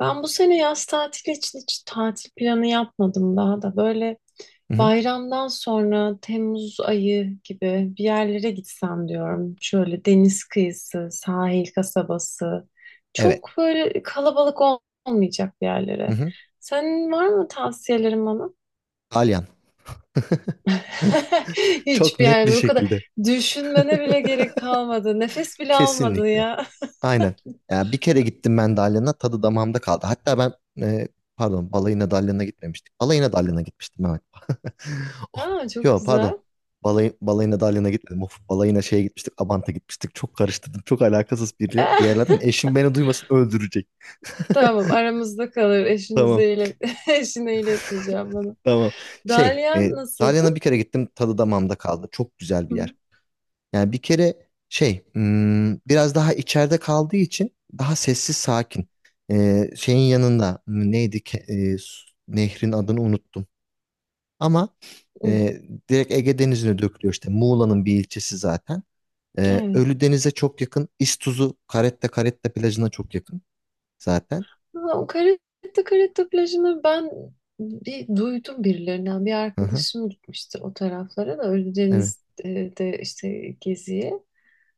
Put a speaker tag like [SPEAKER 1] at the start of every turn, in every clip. [SPEAKER 1] Ben bu sene yaz tatili için hiç tatil planı yapmadım daha da. Böyle
[SPEAKER 2] Hı hı.
[SPEAKER 1] bayramdan sonra Temmuz ayı gibi bir yerlere gitsem diyorum. Şöyle deniz kıyısı, sahil kasabası.
[SPEAKER 2] Evet.
[SPEAKER 1] Çok böyle kalabalık olmayacak bir
[SPEAKER 2] Hı
[SPEAKER 1] yerlere.
[SPEAKER 2] hı.
[SPEAKER 1] Senin var mı tavsiyelerin bana?
[SPEAKER 2] Dalyan. Çok
[SPEAKER 1] Hiçbir
[SPEAKER 2] net
[SPEAKER 1] yer
[SPEAKER 2] bir
[SPEAKER 1] mi? Bu kadar
[SPEAKER 2] şekilde.
[SPEAKER 1] düşünmene bile gerek kalmadı. Nefes bile almadın
[SPEAKER 2] Kesinlikle.
[SPEAKER 1] ya.
[SPEAKER 2] Aynen. Ya bir kere gittim ben Dalyan'a, tadı damağımda kaldı. Hatta ben e, pardon, balayına Dalyan'a gitmemiştik. Balayına Dalyan'a gitmiştim, evet. Oh,
[SPEAKER 1] Aa, çok
[SPEAKER 2] yo pardon.
[SPEAKER 1] güzel.
[SPEAKER 2] Balayına Dalyan'a gitmedim. Of, balayına şeye gitmiştik. Abant'a gitmiştik. Çok karıştırdım. Çok alakasız bir yerlerden. Eşim beni duymasın, öldürecek.
[SPEAKER 1] Tamam, aramızda kalır.
[SPEAKER 2] Tamam,
[SPEAKER 1] Eşinize ilet eşine iletmeyeceğim bana.
[SPEAKER 2] tamam. Şey
[SPEAKER 1] Dalyan
[SPEAKER 2] e,
[SPEAKER 1] nasıldı?
[SPEAKER 2] Dalyan'a bir kere gittim. Tadı damağımda kaldı. Çok güzel bir yer.
[SPEAKER 1] Hı,
[SPEAKER 2] Yani bir kere şey, biraz daha içeride kaldığı için daha sessiz sakin. Şeyin yanında, neydi ki, nehrin adını unuttum. Ama
[SPEAKER 1] hı,
[SPEAKER 2] e, direkt Ege Denizi'ne dökülüyor, işte Muğla'nın bir ilçesi zaten.
[SPEAKER 1] evet.
[SPEAKER 2] Ölüdeniz'e çok yakın. İztuzu Caretta Caretta plajına çok yakın zaten.
[SPEAKER 1] Ama o Caretta Caretta plajını ben bir duydum birilerinden. Bir
[SPEAKER 2] Hı hı,
[SPEAKER 1] arkadaşım gitmişti o taraflara da,
[SPEAKER 2] evet.
[SPEAKER 1] Ölüdeniz'de işte geziye.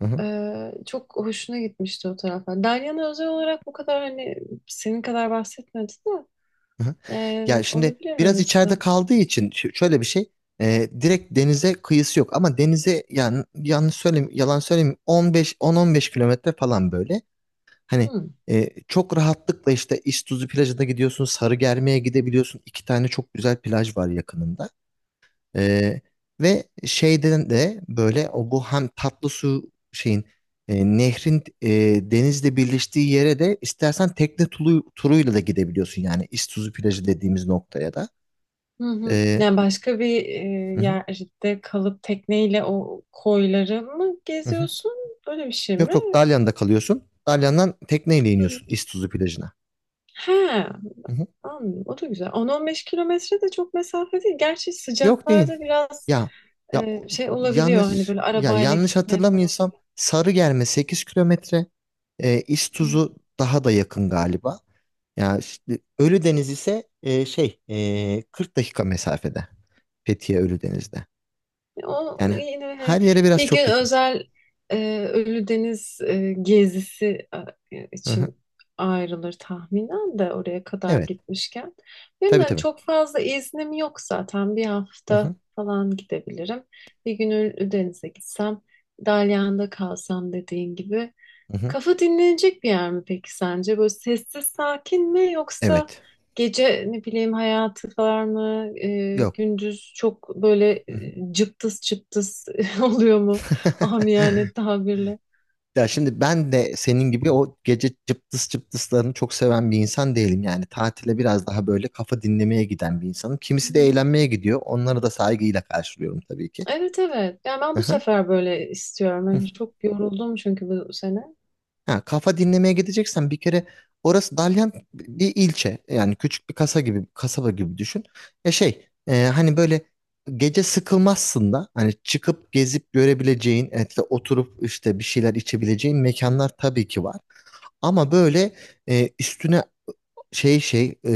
[SPEAKER 2] Hı hı.
[SPEAKER 1] Çok hoşuna gitmişti o taraflar. Dalyan'a özel olarak bu kadar hani senin kadar bahsetmedi de
[SPEAKER 2] Hı hı. Ya şimdi
[SPEAKER 1] olabilir
[SPEAKER 2] biraz içeride
[SPEAKER 1] orası.
[SPEAKER 2] kaldığı için şöyle bir şey, direkt denize kıyısı yok ama denize, yani yanlış söyleyeyim, yalan söyleyeyim, 15 10-15 kilometre falan böyle. hani
[SPEAKER 1] Hı.
[SPEAKER 2] e, çok rahatlıkla işte İztuzu plajına gidiyorsun, Sarıgerme'ye gidebiliyorsun. İki tane çok güzel plaj var yakınında. ee, Ve şeyden de, böyle o bu, hem tatlı su şeyin, nehrin, denizle birleştiği yere de istersen tekne turuyla da gidebiliyorsun, yani İztuzu plajı dediğimiz noktaya da.
[SPEAKER 1] Hı hı.
[SPEAKER 2] Ee,
[SPEAKER 1] Yani başka bir
[SPEAKER 2] hı hı,
[SPEAKER 1] yerde kalıp tekneyle o koyları mı
[SPEAKER 2] hı hı.
[SPEAKER 1] geziyorsun? Öyle bir şey
[SPEAKER 2] Yok
[SPEAKER 1] mi?
[SPEAKER 2] yok, Dalyan'da kalıyorsun. Dalyan'dan tekneyle
[SPEAKER 1] Hı hı.
[SPEAKER 2] iniyorsun İztuzu plajına.
[SPEAKER 1] He,
[SPEAKER 2] Hı hı.
[SPEAKER 1] anladım. O da güzel. 10-15 kilometre de çok mesafe değil. Gerçi
[SPEAKER 2] Yok değil.
[SPEAKER 1] sıcaklarda biraz
[SPEAKER 2] Ya ya o-
[SPEAKER 1] şey olabiliyor. Hani
[SPEAKER 2] yanlış
[SPEAKER 1] böyle
[SPEAKER 2] ya
[SPEAKER 1] arabayla
[SPEAKER 2] yanlış
[SPEAKER 1] gitme falan.
[SPEAKER 2] hatırlamıyorsam, Sarıgerme 8 kilometre. İztuzu daha da yakın galiba. Ya işte Ölüdeniz ise şey, 40 dakika mesafede. Fethiye Ölüdeniz'de.
[SPEAKER 1] O
[SPEAKER 2] Yani
[SPEAKER 1] yine hani
[SPEAKER 2] her yere biraz
[SPEAKER 1] bir gün
[SPEAKER 2] çok yakın.
[SPEAKER 1] özel Ölüdeniz gezisi
[SPEAKER 2] Hı hı.
[SPEAKER 1] için ayrılır tahminen de oraya kadar
[SPEAKER 2] Evet.
[SPEAKER 1] gitmişken. Benim
[SPEAKER 2] Tabii
[SPEAKER 1] hani
[SPEAKER 2] tabii.
[SPEAKER 1] çok fazla iznim yok zaten. Bir
[SPEAKER 2] Hı
[SPEAKER 1] hafta
[SPEAKER 2] hı.
[SPEAKER 1] falan gidebilirim. Bir gün Ölüdeniz'e gitsem, Dalyan'da kalsam dediğin gibi.
[SPEAKER 2] Hı hı.
[SPEAKER 1] Kafa dinlenecek bir yer mi peki sence? Böyle sessiz sakin mi, yoksa
[SPEAKER 2] Evet.
[SPEAKER 1] gece ne bileyim hayatı var mı?
[SPEAKER 2] Yok.
[SPEAKER 1] Gündüz çok böyle
[SPEAKER 2] Hı hı.
[SPEAKER 1] cıptız cıptız oluyor mu? Amiyane tabirle.
[SPEAKER 2] Ya şimdi ben de senin gibi o gece cıptıs cıptıslarını çok seven bir insan değilim. Yani tatile biraz daha böyle kafa dinlemeye giden bir insanım.
[SPEAKER 1] Hı
[SPEAKER 2] Kimisi de
[SPEAKER 1] hı.
[SPEAKER 2] eğlenmeye gidiyor. Onları da saygıyla karşılıyorum tabii ki.
[SPEAKER 1] Evet, evet. Yani ben
[SPEAKER 2] Hı
[SPEAKER 1] bu
[SPEAKER 2] hı.
[SPEAKER 1] sefer böyle istiyorum. Yani çok yoruldum çünkü bu sene.
[SPEAKER 2] Ha, kafa dinlemeye gideceksen bir kere orası Dalyan bir ilçe. Yani küçük bir kasaba gibi düşün. Ya şey, hani böyle gece sıkılmazsın da hani çıkıp gezip görebileceğin, etle oturup işte bir şeyler içebileceğin mekanlar tabii ki var. Ama böyle, üstüne şey ,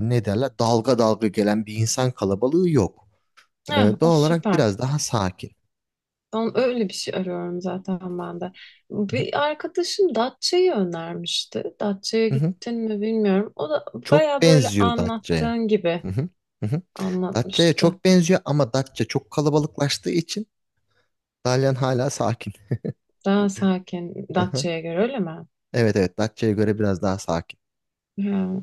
[SPEAKER 2] ne derler, dalga dalga gelen bir insan kalabalığı yok. E,
[SPEAKER 1] Ha, o
[SPEAKER 2] Doğal olarak
[SPEAKER 1] süper.
[SPEAKER 2] biraz daha sakin.
[SPEAKER 1] Ben öyle bir şey arıyorum zaten ben de. Bir arkadaşım Datça'yı önermişti. Datça'ya gittin mi bilmiyorum. O da
[SPEAKER 2] Çok
[SPEAKER 1] baya böyle
[SPEAKER 2] benziyor Datça'ya.
[SPEAKER 1] anlattığın gibi
[SPEAKER 2] Hı hı, hı hı. Datça'ya
[SPEAKER 1] anlatmıştı.
[SPEAKER 2] çok benziyor ama Datça çok kalabalıklaştığı için Dalyan hala sakin.
[SPEAKER 1] Daha sakin
[SPEAKER 2] Hı hı.
[SPEAKER 1] Datça'ya göre, öyle mi?
[SPEAKER 2] Evet evet, Datça'ya göre biraz daha sakin.
[SPEAKER 1] Ha.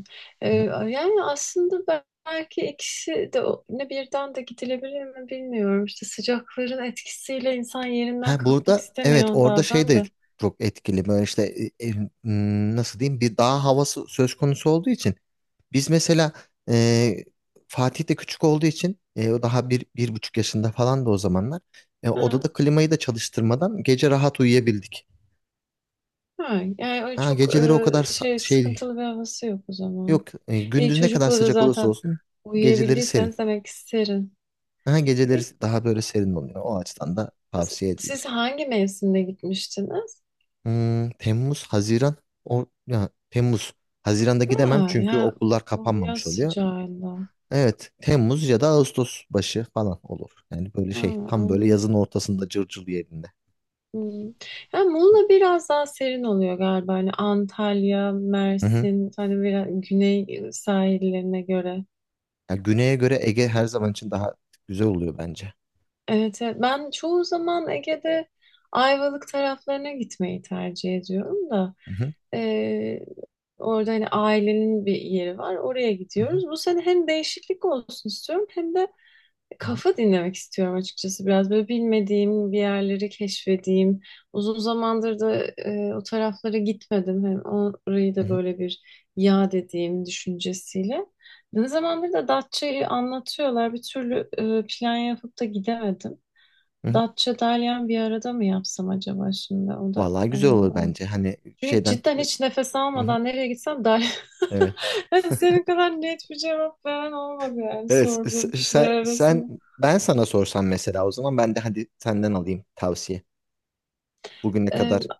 [SPEAKER 1] Ee,
[SPEAKER 2] Hı hı.
[SPEAKER 1] yani aslında belki ikisi de ne birden de gidilebilir mi bilmiyorum. İşte sıcakların etkisiyle insan yerinden
[SPEAKER 2] Ha
[SPEAKER 1] kalkmak
[SPEAKER 2] burada evet,
[SPEAKER 1] istemiyor
[SPEAKER 2] orada şey
[SPEAKER 1] bazen
[SPEAKER 2] de
[SPEAKER 1] de.
[SPEAKER 2] çok etkili, böyle işte e, e, nasıl diyeyim, bir dağ havası söz konusu olduğu için biz mesela, e, Fatih de küçük olduğu için, o daha 1,5 yaşında falan da o zamanlar,
[SPEAKER 1] Ha.
[SPEAKER 2] odada klimayı da çalıştırmadan gece rahat uyuyabildik.
[SPEAKER 1] Ha. Yani öyle
[SPEAKER 2] Ha
[SPEAKER 1] çok
[SPEAKER 2] geceleri o kadar
[SPEAKER 1] şey, sıkıntılı bir havası yok o zaman.
[SPEAKER 2] Yok, gündüz ne kadar
[SPEAKER 1] Çocuklara
[SPEAKER 2] sıcak olursa
[SPEAKER 1] zaten
[SPEAKER 2] olsun geceleri serin.
[SPEAKER 1] uyuyabildiyseniz demek ki serin.
[SPEAKER 2] Aha, geceleri
[SPEAKER 1] E,
[SPEAKER 2] daha böyle serin oluyor. O açıdan da tavsiye
[SPEAKER 1] siz
[SPEAKER 2] edilir.
[SPEAKER 1] hangi mevsimde gitmiştiniz?
[SPEAKER 2] Temmuz, Haziran. O, ya, Temmuz. Haziran'da
[SPEAKER 1] Ha,
[SPEAKER 2] gidemem çünkü
[SPEAKER 1] ya
[SPEAKER 2] okullar
[SPEAKER 1] o yaz
[SPEAKER 2] kapanmamış oluyor.
[SPEAKER 1] sıcağında.
[SPEAKER 2] Evet, Temmuz ya da Ağustos başı falan olur. Yani böyle
[SPEAKER 1] Ha,
[SPEAKER 2] şey, tam böyle
[SPEAKER 1] anladım.
[SPEAKER 2] yazın ortasında, cırcır yerinde.
[SPEAKER 1] Hmm. Ya Muğla biraz daha serin oluyor galiba. Hani Antalya,
[SPEAKER 2] Hı hı.
[SPEAKER 1] Mersin, hani biraz güney sahillerine göre.
[SPEAKER 2] Ya, güneye göre Ege her zaman için daha güzel oluyor bence.
[SPEAKER 1] Evet, evet. Ben çoğu zaman Ege'de Ayvalık taraflarına gitmeyi tercih ediyorum da
[SPEAKER 2] Hı hı.
[SPEAKER 1] e, orada hani ailenin bir yeri var, oraya
[SPEAKER 2] Hı hı.
[SPEAKER 1] gidiyoruz. Bu sene hem değişiklik olsun istiyorum, hem de
[SPEAKER 2] Hı hı.
[SPEAKER 1] kafa dinlemek istiyorum. Açıkçası biraz böyle bilmediğim bir yerleri keşfedeyim. Uzun zamandır da o taraflara gitmedim, hem orayı da böyle bir yad edeyim düşüncesiyle. Ne zamandır da Datça'yı anlatıyorlar, bir türlü plan yapıp da gidemedim.
[SPEAKER 2] Hı hı.
[SPEAKER 1] Datça Dalyan bir arada mı yapsam acaba şimdi? O da
[SPEAKER 2] Vallahi güzel olur bence. Hani
[SPEAKER 1] çünkü
[SPEAKER 2] şeyden.
[SPEAKER 1] cidden hiç nefes
[SPEAKER 2] Hı hı.
[SPEAKER 1] almadan nereye gitsem Dalyan.
[SPEAKER 2] Evet.
[SPEAKER 1] Yani senin kadar net bir cevap veren olmadı yani
[SPEAKER 2] Evet, s-
[SPEAKER 1] sorduğum kişiler
[SPEAKER 2] sen, sen
[SPEAKER 1] arasında.
[SPEAKER 2] ben sana sorsam mesela o zaman ben de hadi senden alayım tavsiye. Bugüne
[SPEAKER 1] E,
[SPEAKER 2] kadar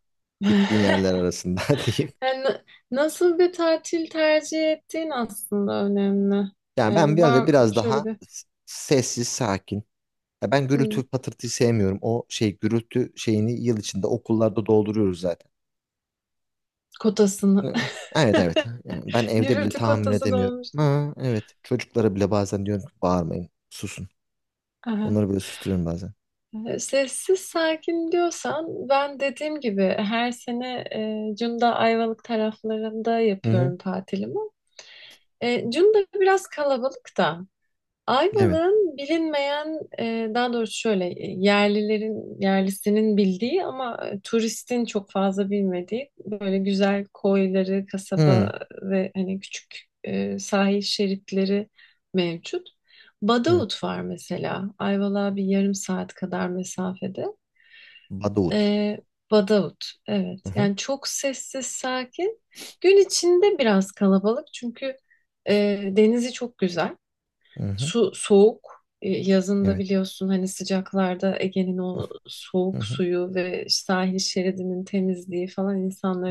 [SPEAKER 2] gittiğin yerler arasında diyeyim.
[SPEAKER 1] yani nasıl bir tatil tercih ettiğin aslında önemli.
[SPEAKER 2] Yani ben
[SPEAKER 1] Var
[SPEAKER 2] böyle
[SPEAKER 1] mı
[SPEAKER 2] biraz
[SPEAKER 1] şöyle
[SPEAKER 2] daha
[SPEAKER 1] bir
[SPEAKER 2] sessiz, sakin. Ya ben
[SPEAKER 1] hmm,
[SPEAKER 2] gürültü patırtıyı sevmiyorum. O şey gürültü şeyini yıl içinde okullarda dolduruyoruz zaten.
[SPEAKER 1] kotasını.
[SPEAKER 2] Hı, evet evet. Yani ben evde bile
[SPEAKER 1] Gürültü
[SPEAKER 2] tahammül
[SPEAKER 1] kotası da
[SPEAKER 2] edemiyorum.
[SPEAKER 1] olmuştu.
[SPEAKER 2] Ha, evet. Çocuklara bile bazen diyorum ki bağırmayın, susun. Onları böyle susturuyorum bazen.
[SPEAKER 1] Sessiz sakin diyorsan, ben dediğim gibi her sene Cunda Ayvalık taraflarında
[SPEAKER 2] Hı hı.
[SPEAKER 1] yapıyorum tatilimi. Cunda biraz kalabalık da.
[SPEAKER 2] Evet.
[SPEAKER 1] Ayvalık'ın bilinmeyen, daha doğrusu şöyle yerlilerin, yerlisinin bildiği ama turistin çok fazla bilmediği böyle güzel koyları,
[SPEAKER 2] Hı,
[SPEAKER 1] kasaba ve hani küçük sahil şeritleri mevcut.
[SPEAKER 2] evet.
[SPEAKER 1] Badavut var mesela. Ayvalık'a bir yarım saat kadar mesafede.
[SPEAKER 2] Badavut.
[SPEAKER 1] E, Badavut, evet.
[SPEAKER 2] Hı hı.
[SPEAKER 1] Yani çok sessiz, sakin. Gün içinde biraz kalabalık çünkü e, denizi çok güzel.
[SPEAKER 2] Hı hı.
[SPEAKER 1] Su soğuk. Yazında
[SPEAKER 2] Evet.
[SPEAKER 1] biliyorsun, hani sıcaklarda Ege'nin o
[SPEAKER 2] Hı
[SPEAKER 1] soğuk
[SPEAKER 2] hı.
[SPEAKER 1] suyu ve sahil şeridinin temizliği falan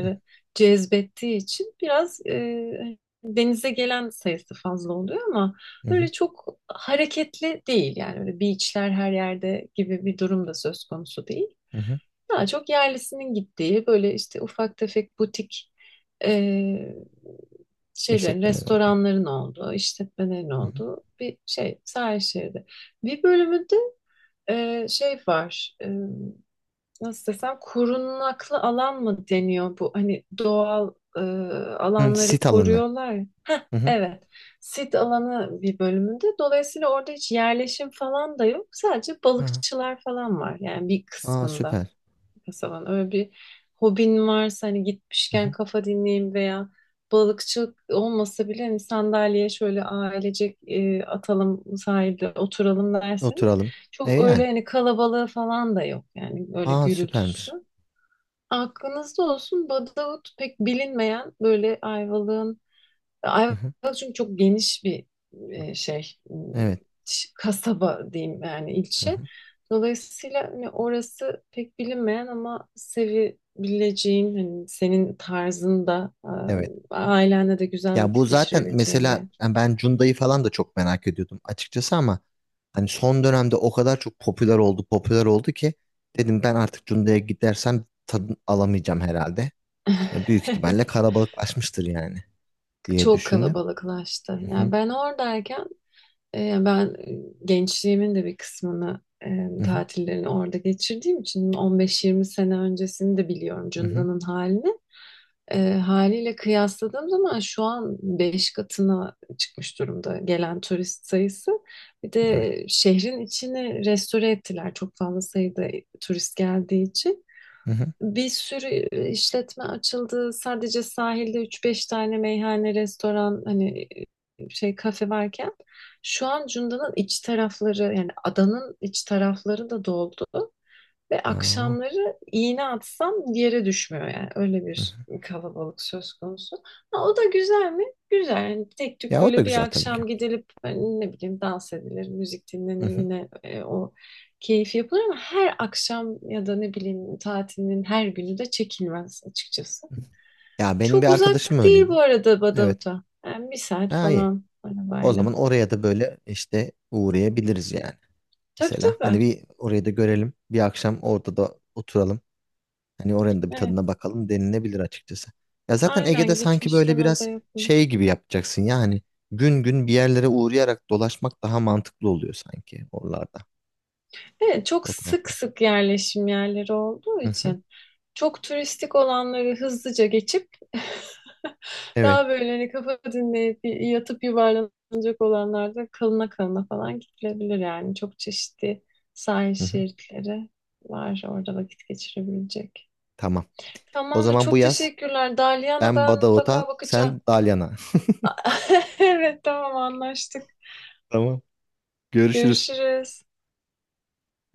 [SPEAKER 2] Hı hı.
[SPEAKER 1] cezbettiği için biraz hani denize gelen sayısı fazla oluyor ama
[SPEAKER 2] Hı hı.
[SPEAKER 1] öyle çok hareketli değil. Yani öyle beachler her yerde gibi bir durum da söz konusu değil.
[SPEAKER 2] Hı hı.
[SPEAKER 1] Daha çok yerlisinin gittiği böyle işte ufak tefek butik e, şeylerin,
[SPEAKER 2] İşletmeleri oldu.
[SPEAKER 1] restoranların olduğu, işletmelerin
[SPEAKER 2] Hı hı.
[SPEAKER 1] olduğu bir şey sahil şeridi. Bir bölümünde şey var, nasıl desem, korunaklı alan mı deniyor bu? Hani doğal
[SPEAKER 2] Hı,
[SPEAKER 1] alanları
[SPEAKER 2] sit alanı.
[SPEAKER 1] koruyorlar ya.
[SPEAKER 2] Hı hı.
[SPEAKER 1] Evet, sit alanı bir bölümünde. Dolayısıyla orada hiç yerleşim falan da yok. Sadece
[SPEAKER 2] Aha.
[SPEAKER 1] balıkçılar falan var yani bir
[SPEAKER 2] Aa,
[SPEAKER 1] kısmında
[SPEAKER 2] süper.
[SPEAKER 1] falan. Öyle bir hobin varsa hani
[SPEAKER 2] Hı
[SPEAKER 1] gitmişken
[SPEAKER 2] hı.
[SPEAKER 1] kafa dinleyeyim, veya balıkçılık olmasa bile hani sandalyeye şöyle ailecek atalım sahilde oturalım derseniz,
[SPEAKER 2] Oturalım. E
[SPEAKER 1] çok
[SPEAKER 2] yani.
[SPEAKER 1] öyle hani kalabalığı falan da yok yani, öyle
[SPEAKER 2] Aa,
[SPEAKER 1] gürültüsü.
[SPEAKER 2] süpermiş.
[SPEAKER 1] Aklınızda olsun Badavut, pek bilinmeyen böyle Ayvalık'ın.
[SPEAKER 2] Hı
[SPEAKER 1] Ayvalık
[SPEAKER 2] hı.
[SPEAKER 1] çünkü çok geniş bir şey
[SPEAKER 2] Evet.
[SPEAKER 1] kasaba diyeyim yani,
[SPEAKER 2] Hı
[SPEAKER 1] ilçe.
[SPEAKER 2] hı.
[SPEAKER 1] Dolayısıyla hani orası pek bilinmeyen ama sevebileceğin, hani senin tarzında
[SPEAKER 2] Evet.
[SPEAKER 1] ailenle de güzel
[SPEAKER 2] Ya
[SPEAKER 1] vakit
[SPEAKER 2] bu zaten
[SPEAKER 1] geçirebileceğin bir
[SPEAKER 2] mesela,
[SPEAKER 1] yer.
[SPEAKER 2] yani ben Cunda'yı falan da çok merak ediyordum açıkçası, ama hani son dönemde o kadar çok popüler oldu, popüler oldu ki dedim ben artık Cunda'ya gidersem tadını alamayacağım herhalde. Yani büyük ihtimalle kalabalıklaşmıştır yani, diye
[SPEAKER 1] Çok
[SPEAKER 2] düşündüm.
[SPEAKER 1] kalabalıklaştı.
[SPEAKER 2] Hı hı.
[SPEAKER 1] Yani ben oradayken ben gençliğimin de bir kısmını,
[SPEAKER 2] Hı hı.
[SPEAKER 1] tatillerini orada geçirdiğim için 15-20 sene öncesini de biliyorum
[SPEAKER 2] Hı hı.
[SPEAKER 1] Cunda'nın halini. Haliyle kıyasladığım zaman şu an 5 katına çıkmış durumda gelen turist sayısı. Bir
[SPEAKER 2] Evet.
[SPEAKER 1] de şehrin içini restore ettiler çok fazla sayıda turist geldiği için.
[SPEAKER 2] Hı hı.
[SPEAKER 1] Bir sürü işletme açıldı. Sadece sahilde üç beş tane meyhane, restoran, hani şey kafe varken şu an Cunda'nın iç tarafları, yani adanın iç tarafları da doldu. Ve
[SPEAKER 2] Aa.
[SPEAKER 1] akşamları iğne atsam yere düşmüyor yani. Öyle
[SPEAKER 2] Hı
[SPEAKER 1] bir
[SPEAKER 2] hı.
[SPEAKER 1] kalabalık söz konusu. Ha, o da güzel mi? Güzel. Yani tek tük
[SPEAKER 2] Ya o da
[SPEAKER 1] böyle bir
[SPEAKER 2] güzel tabii ki.
[SPEAKER 1] akşam gidilip hani ne bileyim dans edilir, müzik
[SPEAKER 2] Hı
[SPEAKER 1] dinlenir,
[SPEAKER 2] hı.
[SPEAKER 1] yine o keyif yapılır, ama her akşam ya da ne bileyim tatilin her günü de çekilmez açıkçası.
[SPEAKER 2] Ya benim bir
[SPEAKER 1] Çok
[SPEAKER 2] arkadaşım
[SPEAKER 1] uzak değil bu
[SPEAKER 2] öyleydi.
[SPEAKER 1] arada
[SPEAKER 2] Evet.
[SPEAKER 1] Badavut'a. Yani bir saat
[SPEAKER 2] Ha iyi.
[SPEAKER 1] falan
[SPEAKER 2] O
[SPEAKER 1] arabayla.
[SPEAKER 2] zaman oraya da böyle işte uğrayabiliriz yani.
[SPEAKER 1] Tabii,
[SPEAKER 2] Mesela
[SPEAKER 1] tabii.
[SPEAKER 2] hani bir orayı da görelim. Bir akşam orada da oturalım. Hani oranın da bir
[SPEAKER 1] Evet.
[SPEAKER 2] tadına bakalım denilebilir açıkçası. Ya zaten Ege'de
[SPEAKER 1] Aynen,
[SPEAKER 2] sanki böyle
[SPEAKER 1] gitmişken o da
[SPEAKER 2] biraz
[SPEAKER 1] yapılır.
[SPEAKER 2] şey gibi yapacaksın yani. Gün gün bir yerlere uğrayarak dolaşmak daha mantıklı oluyor sanki oralarda.
[SPEAKER 1] Evet, çok
[SPEAKER 2] O
[SPEAKER 1] sık
[SPEAKER 2] taraflarda.
[SPEAKER 1] sık yerleşim yerleri olduğu
[SPEAKER 2] Hı hı.
[SPEAKER 1] için çok turistik olanları hızlıca geçip
[SPEAKER 2] Evet.
[SPEAKER 1] daha böyle hani kafa dinleyip yatıp yuvarlanacak olanlarda kalına kalına falan gidilebilir yani. Çok çeşitli sahil
[SPEAKER 2] Hı hı.
[SPEAKER 1] şeritleri var orada vakit geçirebilecek.
[SPEAKER 2] Tamam. O
[SPEAKER 1] Tamam da,
[SPEAKER 2] zaman bu
[SPEAKER 1] çok
[SPEAKER 2] yaz
[SPEAKER 1] teşekkürler. Dalyan'a
[SPEAKER 2] ben
[SPEAKER 1] ben mutlaka
[SPEAKER 2] Badavut'a,
[SPEAKER 1] bakacağım.
[SPEAKER 2] sen Dalyan'a.
[SPEAKER 1] Evet, tamam, anlaştık.
[SPEAKER 2] Tamam. Görüşürüz.
[SPEAKER 1] Görüşürüz.